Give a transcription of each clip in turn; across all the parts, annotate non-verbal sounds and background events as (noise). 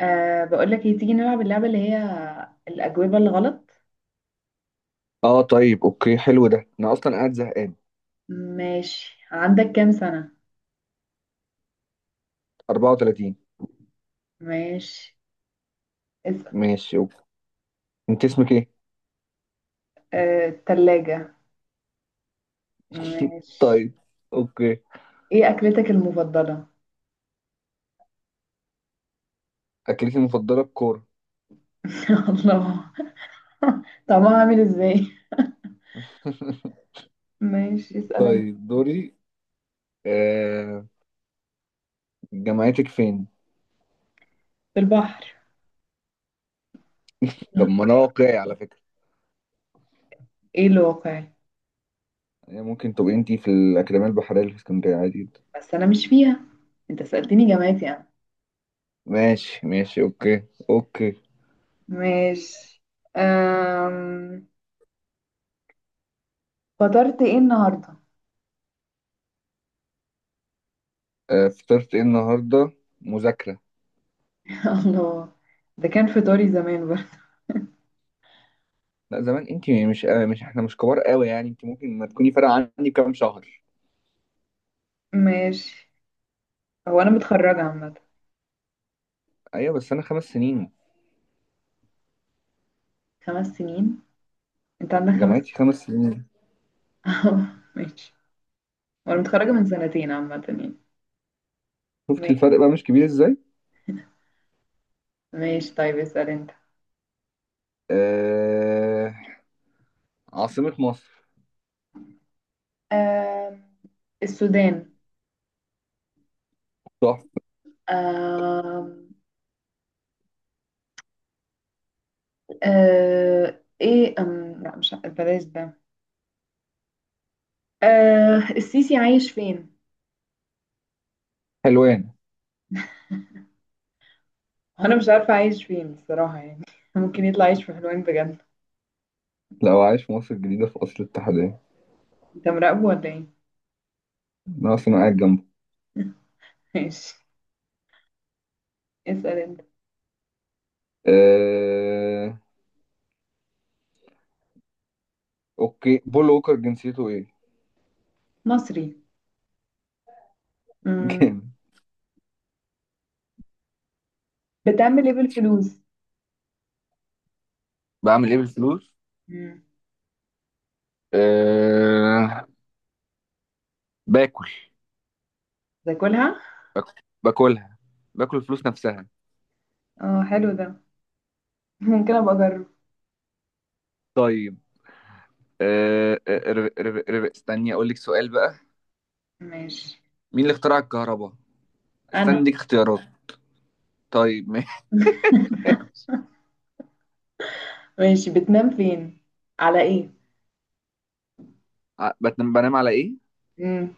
بقول لك ايه، تيجي نلعب اللعبة اللي هي الأجوبة الغلط. اه، طيب اوكي، حلو ده، انا اصلا قاعد زهقان. ماشي، عندك كام سنة؟ 34. ماشي، اسأل. ماشي اوكي. انت اسمك ايه؟ التلاجة. ماشي. طيب اوكي. ايه أكلتك المفضلة؟ اكلتي المفضله الكوره. (laughs) يا الله، طعمها عامل ازاي؟ (laughs) ماشي، اسأل انت. طيب دوري. آه... جامعتك فين؟ في البحر. طب ما انا واقعي على فكره، ايه الواقع؟ يعني ممكن تبقي انت في الاكاديميه البحريه اللي في اسكندريه، عادي جدا. بس أنا مش فيها، انت سألتني جامعتي أنا. ماشي ماشي اوكي. اوكي. ماشي. أم... فطرت ايه النهاردة؟ (laughs) فطرت ايه النهارده؟ مذاكره. الله، ده كان فطاري زمان برضه. لا زمان، انت مش مش احنا مش كبار قوي يعني، انت ممكن ما تكوني فارقه عني بكام شهر. ماشي، هو انا متخرجة عامة. ايوه بس انا خمس سنين، 5 سنين؟ انت عندك خمس؟ جامعتي خمس سنين. (laughs) ماشي، وانا متخرجة من سنتين عامة يعني. شفت ماشي الفرق بقى مش كبير ازاي؟ ماشي، طيب اسأل انت. آه... عاصمة مصر؟ آم، السودان. صح. آم، ايه، لا مش بلاش ده. السيسي عايش فين؟ حلوان. انا مش عارفة عايش فين الصراحة يعني، (laughs) ممكن يطلع عايش في حلوان بجد. لو عايش في مصر الجديدة، في أصل الاتحادية. انت مراقبه ولا ايه؟ (laughs) أنا أصلا قاعد جنبه. ماشي، اسأل انت. آه... أوكي، بول ووكر جنسيته إيه؟ مصري. (laughs) مم. جامد. بتعمل ايه بالفلوس؟ بعمل ايه بالفلوس. مم. أه. باكل. تاكلها؟ باكل. باكلها. باكل الفلوس نفسها. اه، حلو ده، ممكن ابقى اجرب. طيب. أه آه، رب- رب- رب- استني اقول لك سؤال بقى. ماشي مين اللي اخترع الكهرباء؟ استني انا اديك اختيارات. طيب. ماشي، بتنام فين؟ على ايه؟ (laughs) ع- بتنام بنام على ايه؟ مم.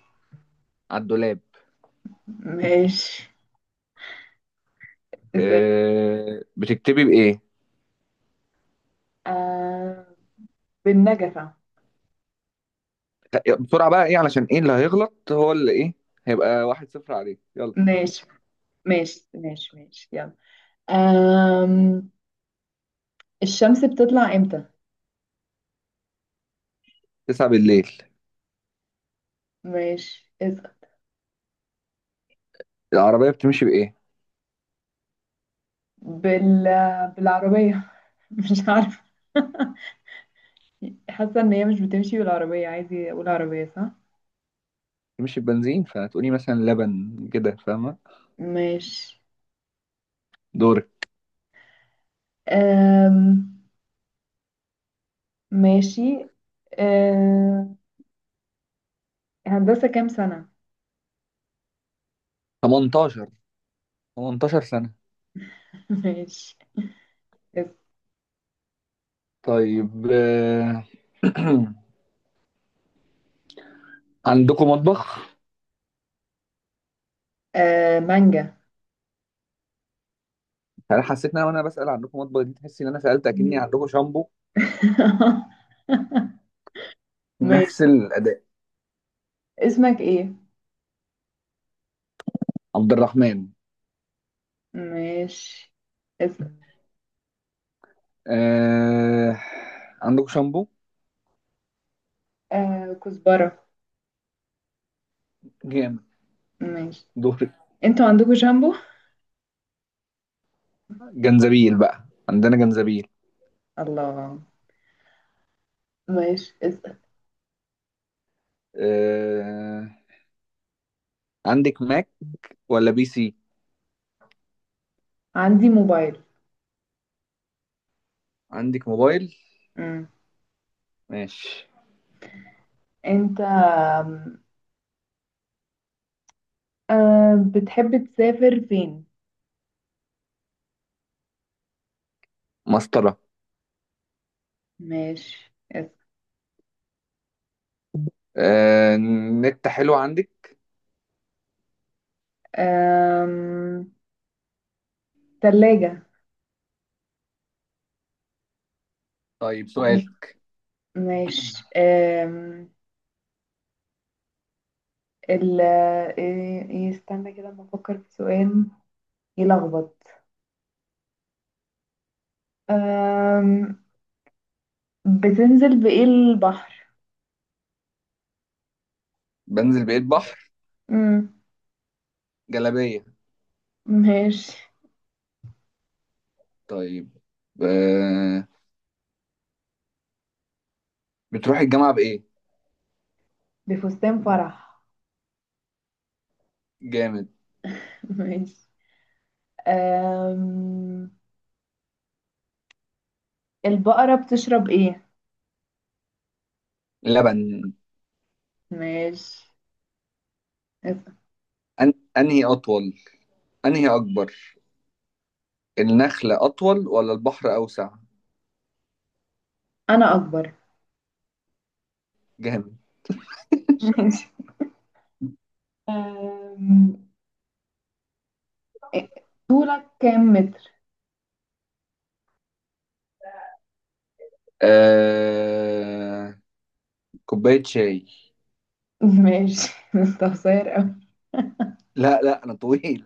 على الدولاب. ماشي، اسال. بتكتبي بايه؟ آه. بالنجفة. بسرعه بقى، ايه علشان ايه اللي هيغلط، هو اللي ايه، هيبقى واحد صفر عليه، يلا. ماشي ماشي ماشي ماشي، يلا. آم... الشمس بتطلع امتى؟ تسعة بالليل. ماشي، اسال. العربيه بتمشي بايه؟ بال... بالعربية. (laughs) مش عارفة، حاسة ان هي مش بتمشي بالعربية، عايزة اقول عربية صح. بتمشي ببنزين، فهتقولي مثلا لبن كده، فاهمه. ماشي. دورك. آم... ماشي. آه... هندسة كام سنة؟ 18. 18 سنه. (laughs) ماشي. اس- طيب (clears throat) عندكم مطبخ؟ مانجا. انا حسيت ان انا وانا بسال عندكم مطبخ دي، تحسي ان انا سالت اكني عندكم شامبو. (laughs) ماشي، نفس الاداء. اسمك ايه؟ عبد الرحمن. ماشي، اسم. آه... عندكم شامبو؟ كزبرة. جامد. ماشي. دور. انتوا عندكم شامبو؟ جنزبيل بقى، عندنا جنزبيل. الله. ماشي، اسأل. آه... عندك ماك ولا بي سي؟ عندي موبايل. عندك موبايل. مم. ماشي. انت، بتحب تسافر فين؟ مسطرة. ماشي، اسأل. آه... نت حلو عندك؟ آم، تلاجة. طيب سؤال. ماشي. (clears throat) ال ايه إيه، استنى كده ما افكر في سؤال. يلخبط. أم... بتنزل بإيه البحر؟ بنزل بقيت بحر. مم. جلابية. ماشي، طيب. آه... بتروح الجامعة بإيه؟ بفستان فرح. جامد. (laughs) ماشي. أم... البقرة بتشرب إيه؟ لبن. ماشي، اسأل. أنهي أطول، أنهي أكبر، النخلة أطول ولا البحر أوسع؟ أنا أكبر. جامد. (laughs) ماشي. أم... إيه- طولك كام متر؟ آه... كوباية شاي. (laughs) ماشي، انت قصير أوي. لا لا أنا طويل.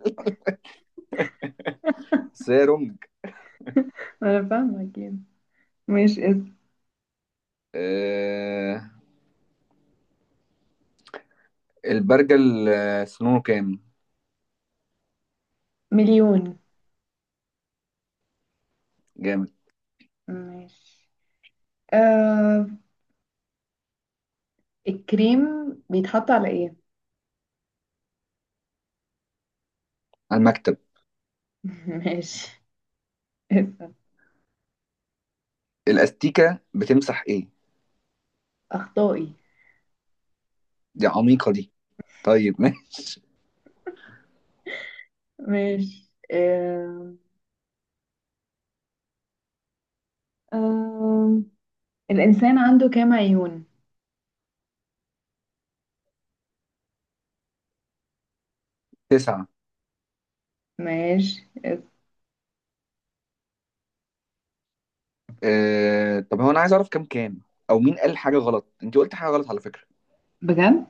(laughs) سيرم. أنا فاهمة كده. ماشي، اسم. آه، البرجل سنونه كام؟ مليون. جامد. ماشي. أم... الكريم بيتحط على إيه؟ على المكتب. (laughs) ماشي، اسأل. الاستيكه بتمسح ايه؟ أخطائي. دي عميقه دي. طيب ماشي. (laughs) ماشي. آه. آه. الإنسان عنده كام عيون؟ تسعة. ماشي. طب هو انا عايز اعرف كام، او مين قال حاجه غلط؟ انت قلت حاجه غلط على فكره. بجد؟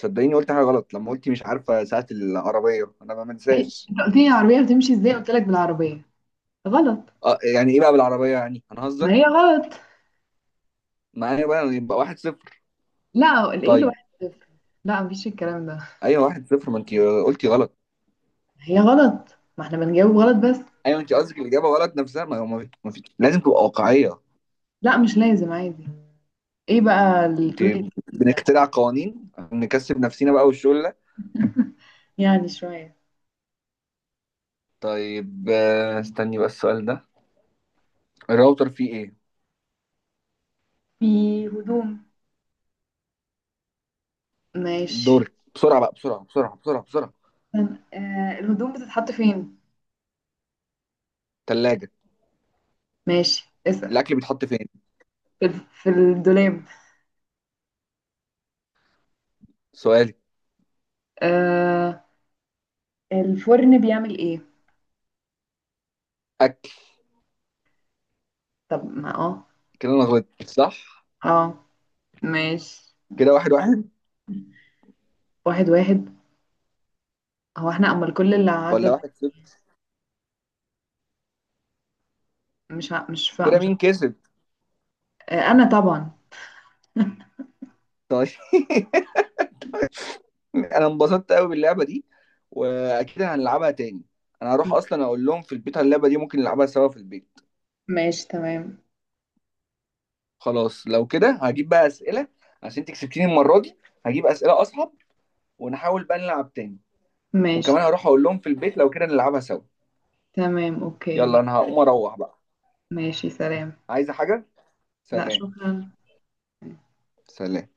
صدقيني قلت حاجه غلط، لما قلتي مش عارفه ساعه العربيه، انا ما ما- منساش. انت قلت لي العربية بتمشي ازاي؟ قلت لك بالعربية غلط. يعني ايه بقى بالعربيه يعني، ما هي هنهزر غلط. معايا بقى؟ يبقى واحد صفر. لا، ايه طيب. الواحد صفر؟ لا، مفيش الكلام ده. ايوه واحد صفر، ما انت قلتي غلط. هي غلط، ما احنا بنجاوب غلط بس. ايوه، انت قصدك الاجابه غلط نفسها، ما هو ما في لازم تبقى واقعيه. لا، مش لازم عادي. ايه بقى انت الرول الجديد ده؟ بنخترع قوانين عشان نكسب نفسينا بقى والشغل ده. يعني شوية. طيب استني بقى السؤال ده. الراوتر فيه ايه؟ في هدوم. ماشي. دورك، بسرعه بقى بسرعه بسرعه بسرعه بسرعه. الهدوم بتتحط فين؟ ثلاجه. ماشي، اسأل. الاكل بيتحط فين؟ في الدولاب. سؤالي. آه الفرن بيعمل ايه؟ اكل. طب ما كده انا غلطت صح. اه. ماشي. كده واحد واحد. 1-1. هو احنا امال كل اللي عدى ولا ده؟ واحد صفر. مش ع... مش فا... كده مش ع... مين كسب؟ انا طبعا. طيب. (laughs) انا انبسطت قوي باللعبه دي، واكيد هنلعبها تاني. انا هروح اصلا اقول لهم في البيت على اللعبه دي، ممكن نلعبها سوا في البيت. ماشي، تمام. خلاص لو كده هجيب بقى اسئله، عشان انت كسبتيني المره دي. هجيب اسئله اصعب، ونحاول بقى نلعب تاني. ماشي، وكمان هروح اقول لهم في البيت، لو كده نلعبها سوا. تمام، اوكي، يلا ماشي. انا هقوم اروح بقى. ماشي، سلام. عايزة حاجة؟ لا، سلام. شكرا. سلام.